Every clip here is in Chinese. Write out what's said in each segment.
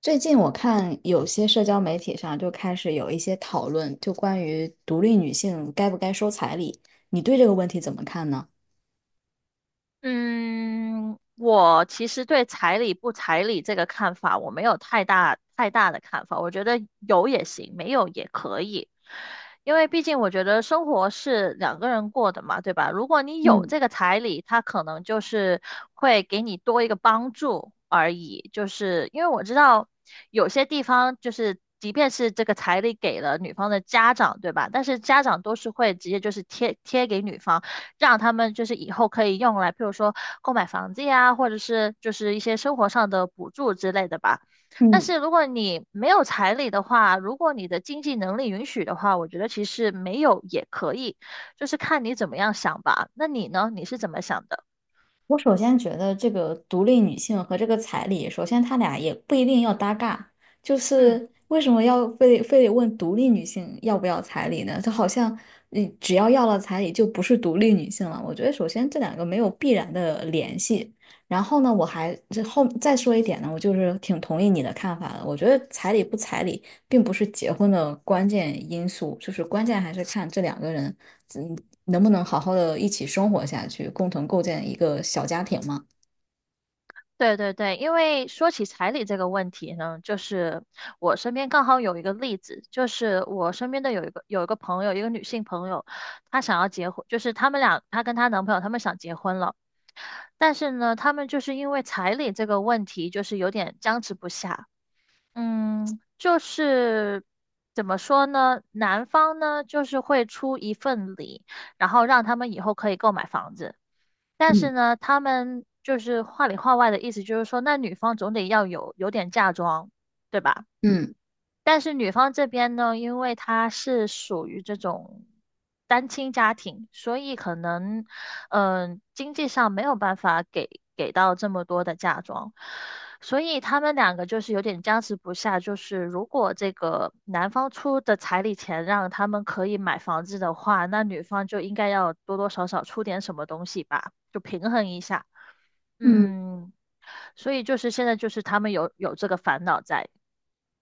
最近我看有些社交媒体上就开始有一些讨论，就关于独立女性该不该收彩礼，你对这个问题怎么看呢？嗯，我其实对彩礼不彩礼这个看法，我没有太大的看法。我觉得有也行，没有也可以，因为毕竟我觉得生活是两个人过的嘛，对吧？如果你有嗯这个彩礼，他可能就是会给你多一个帮助而已。就是因为我知道有些地方就是。即便是这个彩礼给了女方的家长，对吧？但是家长都是会直接就是贴给女方，让他们就是以后可以用来，譬如说购买房子呀，或者是就是一些生活上的补助之类的吧。但嗯，是如果你没有彩礼的话，如果你的经济能力允许的话，我觉得其实没有也可以，就是看你怎么样想吧。那你呢？你是怎么想的？我首先觉得这个独立女性和这个彩礼，首先他俩也不一定要搭嘎，就嗯。是为什么要非得问独立女性要不要彩礼呢？就好像你只要要了彩礼就不是独立女性了。我觉得首先这两个没有必然的联系。然后呢，我还这后再说一点呢，我就是挺同意你的看法的。我觉得彩礼不彩礼并不是结婚的关键因素，就是关键还是看这两个人。嗯，能不能好好的一起生活下去，共同构建一个小家庭嘛？对对对，因为说起彩礼这个问题呢，就是我身边刚好有一个例子，就是我身边的有一个朋友，一个女性朋友，她想要结婚，就是他们俩，她跟她男朋友他们想结婚了，但是呢，他们就是因为彩礼这个问题，就是有点僵持不下。嗯，就是怎么说呢？男方呢，就是会出一份礼，然后让他们以后可以购买房子。但是嗯呢，他们就是话里话外的意思，就是说，那女方总得要有点嫁妆，对吧？嗯但是女方这边呢，因为她是属于这种单亲家庭，所以可能，嗯、经济上没有办法给到这么多的嫁妆，所以他们两个就是有点僵持不下。就是如果这个男方出的彩礼钱让他们可以买房子的话，那女方就应该要多多少少出点什么东西吧，就平衡一下。嗯嗯，所以就是现在就是他们有这个烦恼在。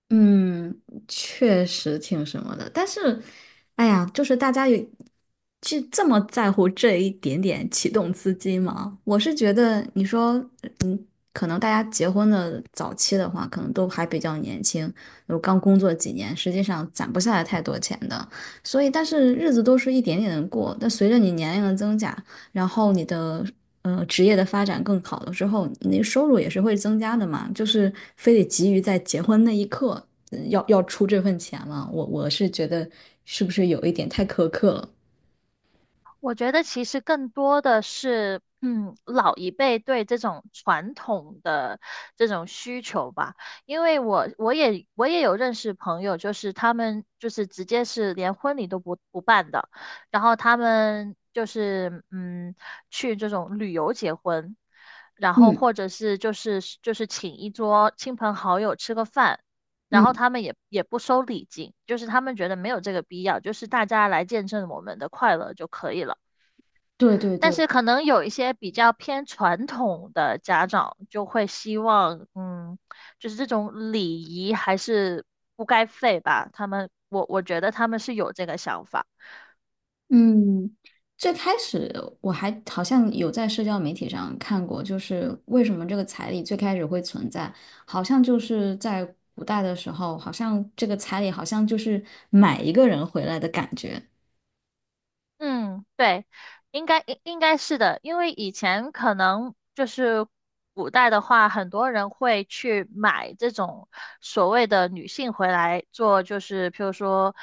嗯，确实挺什么的，但是，哎呀，就是大家有去这么在乎这一点点启动资金吗？我是觉得，你说，嗯，可能大家结婚的早期的话，可能都还比较年轻，有刚工作几年，实际上攒不下来太多钱的，所以，但是日子都是一点点的过，但随着你年龄的增加。然后你的职业的发展更好了之后，你的收入也是会增加的嘛，就是非得急于在结婚那一刻要出这份钱了，我是觉得是不是有一点太苛刻了？我觉得其实更多的是，嗯，老一辈对这种传统的这种需求吧。因为我有认识朋友，就是他们就是直接是连婚礼都不办的，然后他们就是去这种旅游结婚，然后嗯或者是就是请一桌亲朋好友吃个饭。然后嗯，他们也不收礼金，就是他们觉得没有这个必要，就是大家来见证我们的快乐就可以了。对对但对，是可能有一些比较偏传统的家长就会希望，嗯，就是这种礼仪还是不该废吧。他们，我觉得他们是有这个想法。嗯，最开始我还好像有在社交媒体上看过，就是为什么这个彩礼最开始会存在，好像就是在古代的时候，好像这个彩礼好像就是买一个人回来的感觉。嗯，对，应该是的，因为以前可能就是古代的话，很多人会去买这种所谓的女性回来做，就是譬如说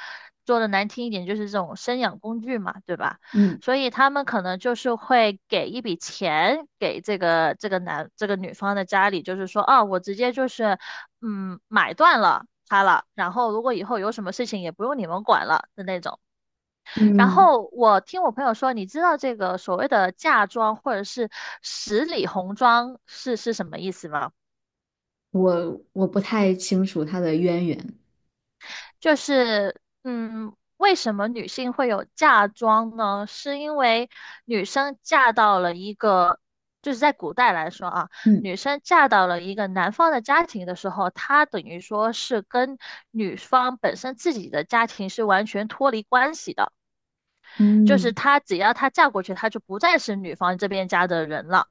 做的难听一点，就是这种生养工具嘛，对吧？嗯。所以他们可能就是会给一笔钱给这个这个男这个女方的家里，就是说，哦，我直接就是买断了他了，然后如果以后有什么事情也不用你们管了的那种。然嗯，后我听我朋友说，你知道这个所谓的嫁妆或者是十里红妆是什么意思吗？我不太清楚她的渊源。就是嗯，为什么女性会有嫁妆呢？是因为女生嫁到了一个，就是在古代来说啊，嗯女生嫁到了一个男方的家庭的时候，她等于说是跟女方本身自己的家庭是完全脱离关系的，就是嗯她只要她嫁过去，她就不再是女方这边家的人了。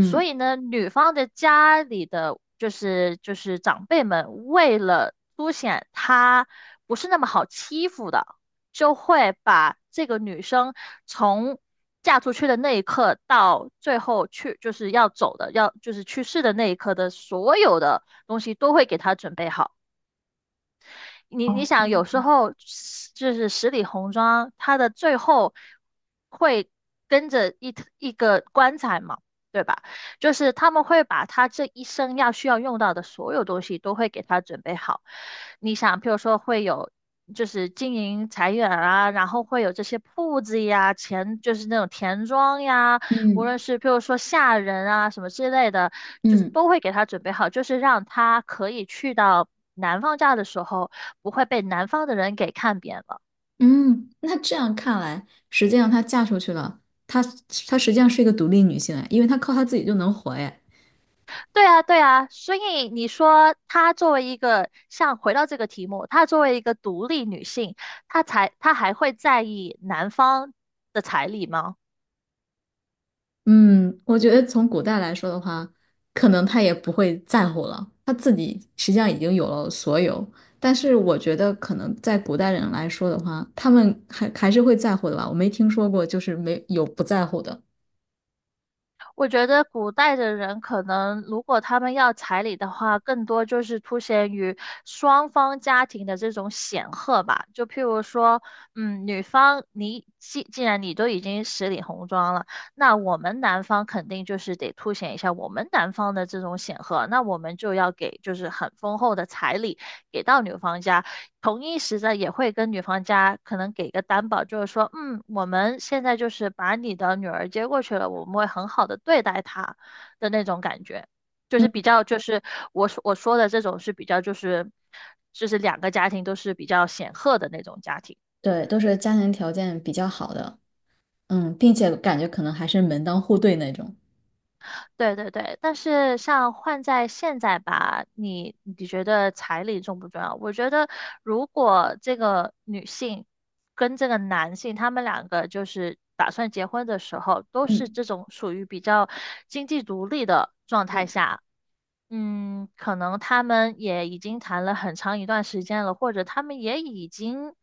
所以呢，女方的家里的就是长辈们，为了凸显她不是那么好欺负的，就会把这个女生从嫁出去的那一刻到最后去就是要走的，要就是去世的那一刻的所有的东西都会给她准备好。你想，有时候就是十里红妆，它的最后会跟着一个棺材嘛，对吧？就是他们会把他这一生要需要用到的所有东西都会给他准备好。你想，譬如说会有。就是经营财源啊，然后会有这些铺子呀，钱就是那种田庄呀，无嗯论是譬如说下人啊什么之类的，就是嗯都会给他准备好，就是让他可以去到南方家的时候，不会被南方的人给看扁了。嗯，那这样看来，实际上她嫁出去了，她她实际上是一个独立女性哎，因为她靠她自己就能活哎。对啊，对啊，所以你说她作为一个，像回到这个题目，她作为一个独立女性，她还会在意男方的彩礼吗？嗯，我觉得从古代来说的话，可能她也不会在乎了，她自己实际上已经有了所有。但是我觉得，可能在古代人来说的话，他们还是会在乎的吧。我没听说过就是没有不在乎的。我觉得古代的人可能，如果他们要彩礼的话，更多就是凸显于双方家庭的这种显赫吧。就譬如说，嗯，女方你既然你都已经十里红妆了，那我们男方肯定就是得凸显一下我们男方的这种显赫，那我们就要给就是很丰厚的彩礼。给到女方家，同一时的也会跟女方家可能给个担保，就是说，嗯，我们现在就是把你的女儿接过去了，我们会很好的对待她的那种感觉，就是比较就是我说的这种是比较就是两个家庭都是比较显赫的那种家庭。对，都是家庭条件比较好的，并且感觉可能还是门当户对那种。对对对，但是像换在现在吧，你觉得彩礼重不重要？我觉得如果这个女性跟这个男性，他们两个就是打算结婚的时候，都是这种属于比较经济独立的状态嗯，下，嗯，可能他们也已经谈了很长一段时间了，或者他们也已经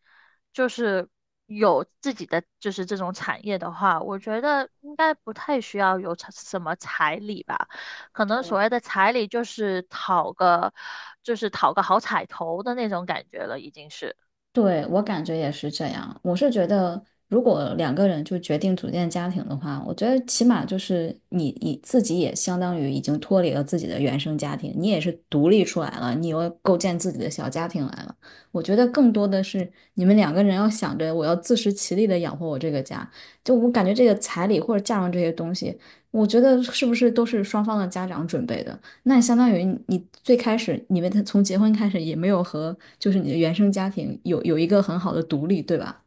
就是有自己的就是这种产业的话，我觉得应该不太需要有彩什么彩礼吧。可能所对。谓的彩礼就是讨个就是讨个好彩头的那种感觉了，已经是。对，我感觉也是这样。我是觉得，如果两个人就决定组建家庭的话，我觉得起码就是你自己也相当于已经脱离了自己的原生家庭，你也是独立出来了，你又构建自己的小家庭来了。我觉得更多的是你们两个人要想着我要自食其力的养活我这个家。就我感觉这个彩礼或者嫁妆这些东西，我觉得是不是都是双方的家长准备的？那相当于你最开始你们从结婚开始也没有和就是你的原生家庭有一个很好的独立，对吧？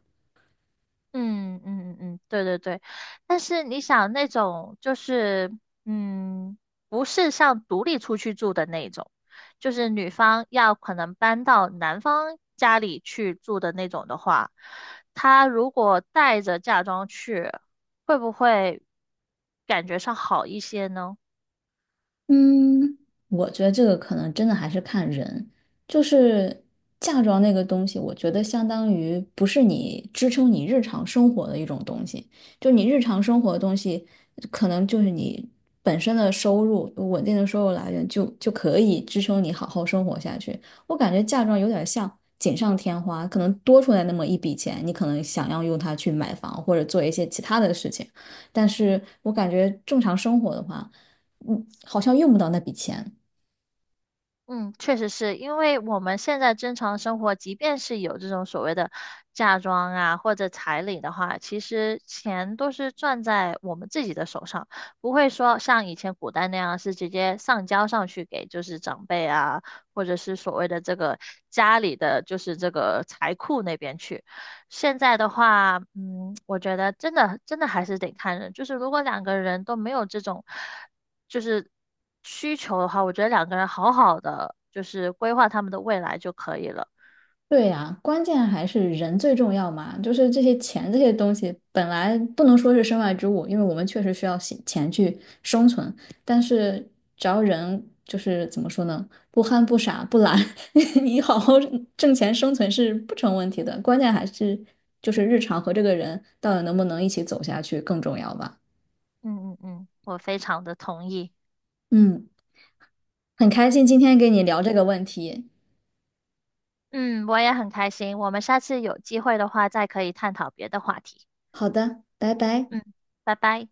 嗯嗯嗯嗯，对对对，但是你想那种就是嗯，不是像独立出去住的那种，就是女方要可能搬到男方家里去住的那种的话，她如果带着嫁妆去，会不会感觉上好一些呢？嗯，我觉得这个可能真的还是看人，就是嫁妆那个东西，我觉得相当于不是你支撑你日常生活的一种东西，就你日常生活的东西，可能就是你本身的收入，稳定的收入来源就可以支撑你好好生活下去。我感觉嫁妆有点像锦上添花，可能多出来那么一笔钱，你可能想要用它去买房或者做一些其他的事情，但是我感觉正常生活的话。好像用不到那笔钱。嗯，确实是因为我们现在正常生活，即便是有这种所谓的嫁妆啊或者彩礼的话，其实钱都是攥在我们自己的手上，不会说像以前古代那样是直接上交上去给就是长辈啊，或者是所谓的这个家里的就是这个财库那边去。现在的话，嗯，我觉得真的还是得看人，就是如果两个人都没有这种。就是需求的话，我觉得两个人好好的就是规划他们的未来就可以了。对呀，关键还是人最重要嘛，就是这些钱这些东西本来不能说是身外之物，因为我们确实需要钱去生存，但是只要人就是怎么说呢，不憨不傻不懒，你好好挣钱生存是不成问题的，关键还是就是日常和这个人到底能不能一起走下去更重要吧。嗯嗯嗯，我非常的同意。嗯，很开心今天跟你聊这个问题。嗯，我也很开心。我们下次有机会的话，再可以探讨别的话题。好的，拜拜。嗯，拜拜。